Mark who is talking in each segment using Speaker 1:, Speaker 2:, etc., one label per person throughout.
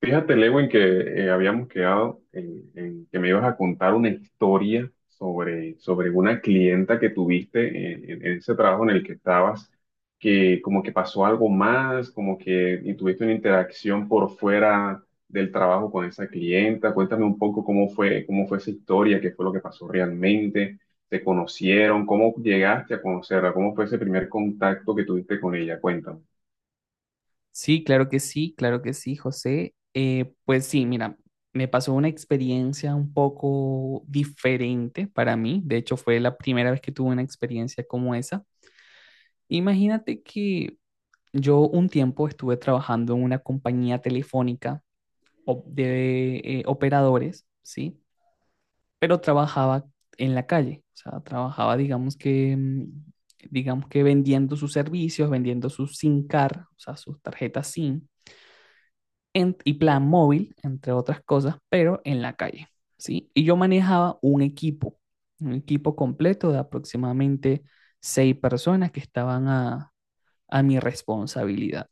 Speaker 1: Fíjate, Lewin, que habíamos quedado en que me ibas a contar una historia sobre una clienta que tuviste en ese trabajo en el que estabas, que como que pasó algo más, como que y tuviste una interacción por fuera del trabajo con esa clienta. Cuéntame un poco cómo fue esa historia, qué fue lo que pasó realmente, se conocieron, cómo llegaste a conocerla, cómo fue ese primer contacto que tuviste con ella. Cuéntame.
Speaker 2: Sí, claro que sí, claro que sí, José. Pues sí, mira, me pasó una experiencia un poco diferente para mí. De hecho, fue la primera vez que tuve una experiencia como esa. Imagínate que yo un tiempo estuve trabajando en una compañía telefónica de operadores, ¿sí? Pero trabajaba en la calle, o sea, trabajaba, digamos que, digamos que vendiendo sus servicios, vendiendo sus SIM card, o sea, sus tarjetas SIM y plan móvil, entre otras cosas, pero en la calle, ¿sí? Y yo manejaba un equipo completo de aproximadamente seis personas que estaban a mi responsabilidad.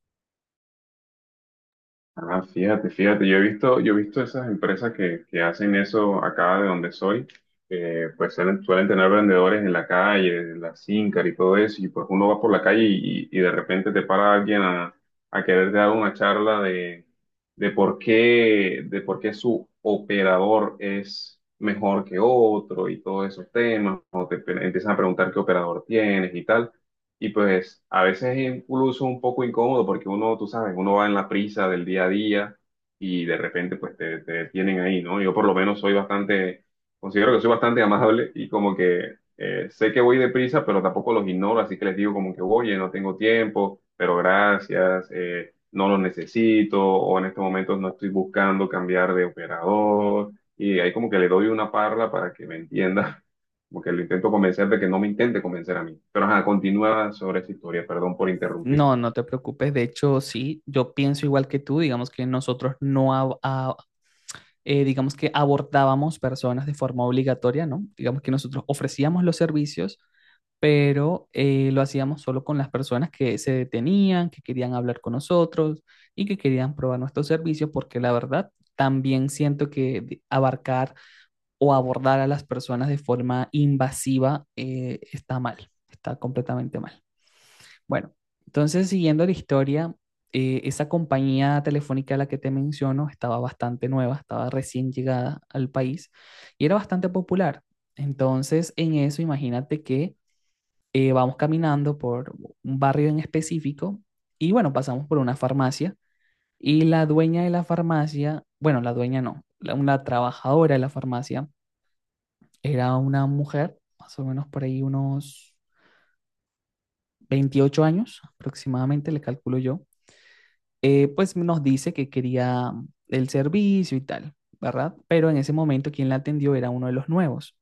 Speaker 1: Ah, fíjate, yo he visto esas empresas que hacen eso acá de donde soy, pues suelen tener vendedores en la calle, en la Sincar y todo eso, y pues uno va por la calle y de repente te para alguien a querer dar una charla de, de por qué su operador es mejor que otro y todos esos temas, o empiezan a preguntar qué operador tienes y tal. Y pues a veces es incluso un poco incómodo porque uno, tú sabes, uno va en la prisa del día a día y de repente pues te detienen ahí, ¿no? Yo por lo menos soy bastante, considero que soy bastante amable y como que sé que voy deprisa, pero tampoco los ignoro, así que les digo como que, oye, no tengo tiempo, pero gracias, no los necesito o en estos momentos no estoy buscando cambiar de operador y ahí como que le doy una parla para que me entienda. Como que lo intento convencer de que no me intente convencer a mí. Pero ajá, continúa sobre esa historia, perdón por interrumpir.
Speaker 2: No, no te preocupes, de hecho, sí, yo pienso igual que tú, digamos que nosotros no, ab- a- digamos que abordábamos personas de forma obligatoria, ¿no? Digamos que nosotros ofrecíamos los servicios pero lo hacíamos solo con las personas que se detenían, que querían hablar con nosotros y que querían probar nuestros servicios, porque la verdad también siento que abarcar o abordar a las personas de forma invasiva está mal, está completamente mal. Bueno, entonces siguiendo la historia, esa compañía telefónica a la que te menciono estaba bastante nueva, estaba recién llegada al país y era bastante popular. Entonces, en eso, imagínate que vamos caminando por un barrio en específico y bueno, pasamos por una farmacia y la dueña de la farmacia, bueno, la dueña no, la trabajadora de la farmacia era una mujer, más o menos por ahí unos 28 años aproximadamente, le calculo yo, pues nos dice que quería el servicio y tal, ¿verdad? Pero en ese momento quien la atendió era uno de los nuevos.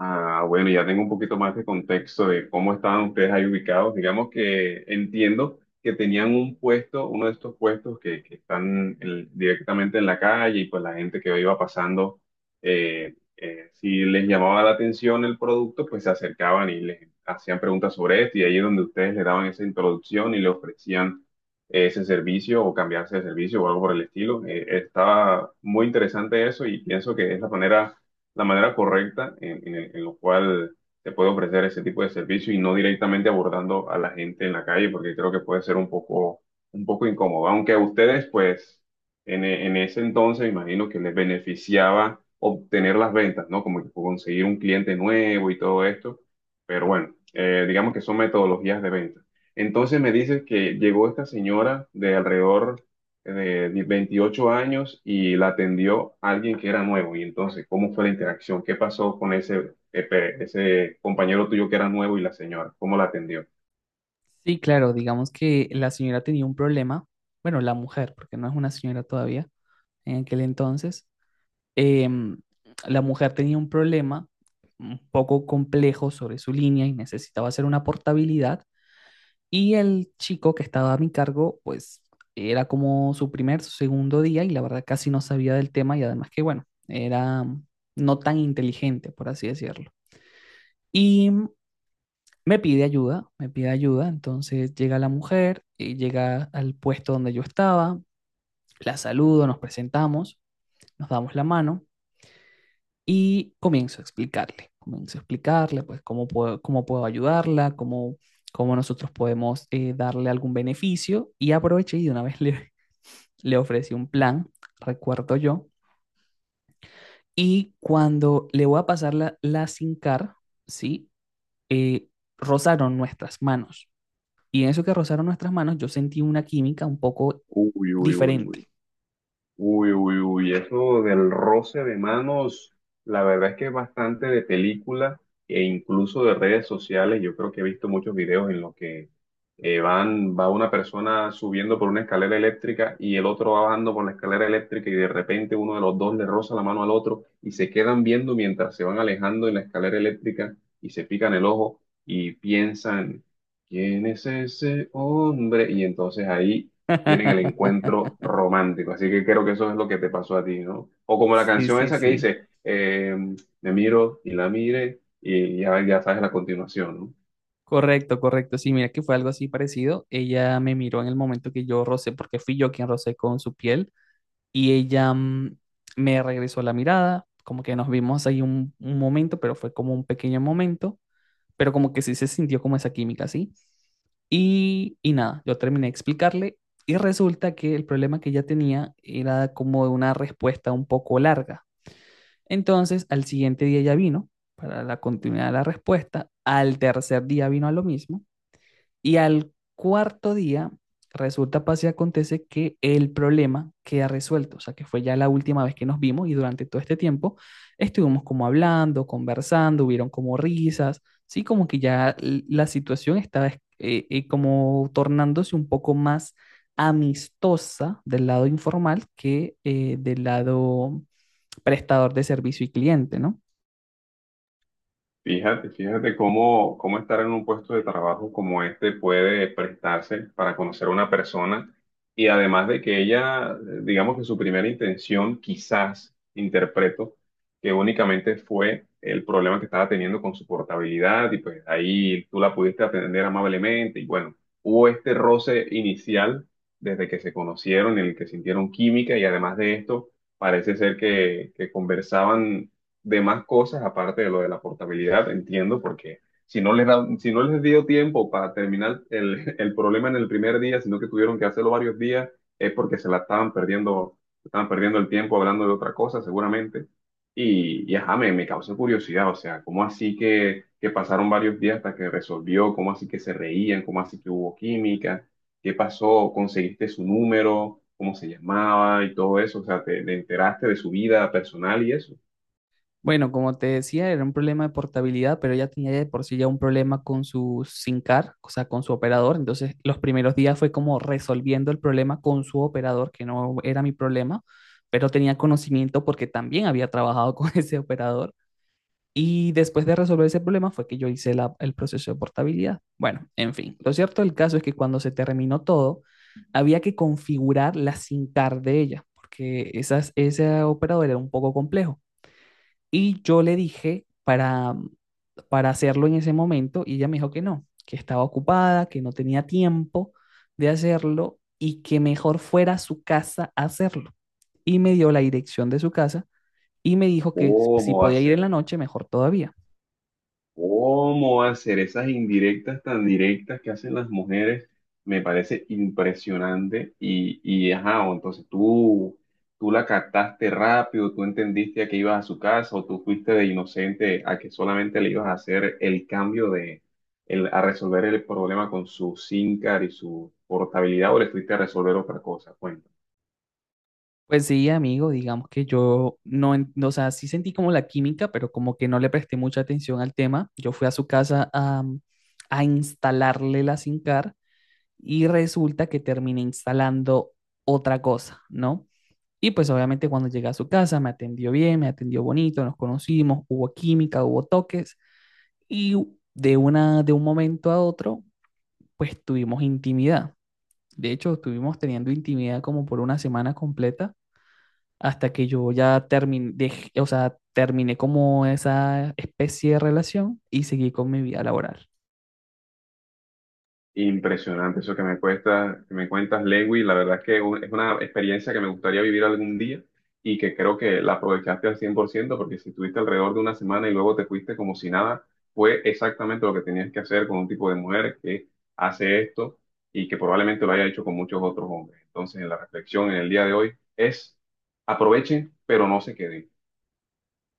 Speaker 1: Ah, bueno, ya tengo un poquito más de contexto de cómo estaban ustedes ahí ubicados. Digamos que entiendo que tenían un puesto, uno de estos puestos que están directamente en la calle y pues la gente que iba pasando, si les llamaba la atención el producto, pues se acercaban y les hacían preguntas sobre esto y ahí es donde ustedes le daban esa introducción y le ofrecían ese servicio o cambiarse de servicio o algo por el estilo. Estaba muy interesante eso y pienso que es la manera correcta en lo cual se puede ofrecer ese tipo de servicio y no directamente abordando a la gente en la calle, porque creo que puede ser un poco incómodo. Aunque a ustedes, pues, en ese entonces, me imagino que les beneficiaba obtener las ventas, ¿no? Como que conseguir un cliente nuevo y todo esto. Pero bueno, digamos que son metodologías de venta. Entonces me dices que llegó esta señora de alrededor de 28 años y la atendió alguien que era nuevo. Y entonces, ¿cómo fue la interacción? ¿Qué pasó con ese compañero tuyo que era nuevo y la señora? ¿Cómo la atendió?
Speaker 2: Sí, claro, digamos que la señora tenía un problema, bueno, la mujer, porque no es una señora todavía en aquel entonces, em, la mujer tenía un problema un poco complejo sobre su línea y necesitaba hacer una portabilidad y el chico que estaba a mi cargo, pues era como su primer, su segundo día y la verdad casi no sabía del tema y además que, bueno, era no tan inteligente, por así decirlo. Y me pide ayuda, entonces llega la mujer y llega al puesto donde yo estaba, la saludo, nos presentamos, nos damos la mano y comienzo a explicarle pues cómo puedo ayudarla, cómo, cómo nosotros podemos darle algún beneficio y aproveché y de una vez le ofrecí un plan, recuerdo yo, y cuando le voy a pasar la SIM card, ¿sí? Eh, rozaron nuestras manos. Y en eso que rozaron nuestras manos, yo sentí una química un poco
Speaker 1: Uy, uy, uy,
Speaker 2: diferente.
Speaker 1: uy. Uy, uy, uy, eso del roce de manos, la verdad es que es bastante de película e incluso de redes sociales. Yo creo que he visto muchos videos en los que va una persona subiendo por una escalera eléctrica y el otro va bajando por la escalera eléctrica y de repente uno de los dos le roza la mano al otro y se quedan viendo mientras se van alejando en la escalera eléctrica y se pican el ojo y piensan, ¿quién es ese hombre? Y entonces ahí tienen el encuentro romántico. Así que creo que eso es lo que te pasó a ti, ¿no? O como la
Speaker 2: Sí,
Speaker 1: canción
Speaker 2: sí,
Speaker 1: esa que
Speaker 2: sí.
Speaker 1: dice, me miro y la mire y ya, ya sabes la continuación, ¿no?
Speaker 2: Correcto, correcto. Sí, mira que fue algo así parecido. Ella me miró en el momento que yo rocé, porque fui yo quien rocé con su piel, y ella me regresó la mirada, como que nos vimos ahí un momento, pero fue como un pequeño momento, pero como que sí se sintió como esa química, ¿sí? Y nada, yo terminé de explicarle y resulta que el problema que ella tenía era como de una respuesta un poco larga. Entonces, al siguiente día ya vino para la continuidad de la respuesta, al tercer día vino a lo mismo, y al cuarto día, resulta, pasa y acontece que el problema queda resuelto. O sea, que fue ya la última vez que nos vimos y durante todo este tiempo estuvimos como hablando, conversando, hubieron como risas, ¿sí? Como que ya la situación estaba como tornándose un poco más amistosa del lado informal que del lado prestador de servicio y cliente, ¿no?
Speaker 1: Fíjate cómo, cómo estar en un puesto de trabajo como este puede prestarse para conocer a una persona y además de que ella, digamos que su primera intención, quizás interpreto, que únicamente fue el problema que estaba teniendo con su portabilidad y pues ahí tú la pudiste atender amablemente y bueno, hubo este roce inicial desde que se conocieron en el que sintieron química y además de esto, parece ser que conversaban de más cosas aparte de lo de la portabilidad, entiendo, porque si no les dio tiempo para terminar el, el problema en el primer día, sino que tuvieron que hacerlo varios días, es porque se la estaban perdiendo el tiempo hablando de otra cosa, seguramente. Me causó curiosidad, o sea, ¿cómo así que pasaron varios días hasta que resolvió? ¿Cómo así que se reían? ¿Cómo así que hubo química? ¿Qué pasó? ¿Conseguiste su número? ¿Cómo se llamaba? Y todo eso, o sea, te enteraste de su vida personal y eso?
Speaker 2: Bueno, como te decía, era un problema de portabilidad, pero ella tenía de por sí ya un problema con su SIM card, o sea, con su operador. Entonces, los primeros días fue como resolviendo el problema con su operador, que no era mi problema, pero tenía conocimiento porque también había trabajado con ese operador. Y después de resolver ese problema fue que yo hice el proceso de portabilidad. Bueno, en fin, lo cierto del caso es que cuando se terminó todo, había que configurar la SIM card de ella, porque esas, ese operador era un poco complejo. Y yo le dije para hacerlo en ese momento y ella me dijo que no, que estaba ocupada, que no tenía tiempo de hacerlo y que mejor fuera a su casa a hacerlo. Y me dio la dirección de su casa y me dijo que si
Speaker 1: ¿Cómo va a
Speaker 2: podía ir en
Speaker 1: ser?
Speaker 2: la noche, mejor todavía.
Speaker 1: ¿Cómo va a ser? Esas indirectas tan directas que hacen las mujeres me parece impresionante. Y ajá, o tú la captaste rápido, tú entendiste a que ibas a su casa, o tú fuiste de inocente a que solamente le ibas a hacer el cambio de, el, a resolver el problema con su SIM card y su portabilidad, o le fuiste a resolver otra cosa. Cuenta.
Speaker 2: Pues sí, amigo, digamos que yo no, o sea, sí sentí como la química, pero como que no le presté mucha atención al tema. Yo fui a su casa a instalarle la SIM card y resulta que terminé instalando otra cosa, ¿no? Y pues obviamente cuando llegué a su casa me atendió bien, me atendió bonito, nos conocimos, hubo química, hubo toques y de un momento a otro pues tuvimos intimidad. De hecho, estuvimos teniendo intimidad como por una semana completa hasta que yo ya terminé, o sea, terminé como esa especie de relación y seguí con mi vida laboral.
Speaker 1: Impresionante eso que me cuentas, Lewis. La verdad es que es una experiencia que me gustaría vivir algún día y que creo que la aprovechaste al 100% porque si estuviste alrededor de una semana y luego te fuiste como si nada, fue exactamente lo que tenías que hacer con un tipo de mujer que hace esto y que probablemente lo haya hecho con muchos otros hombres. Entonces, la reflexión en el día de hoy es aprovechen, pero no se queden.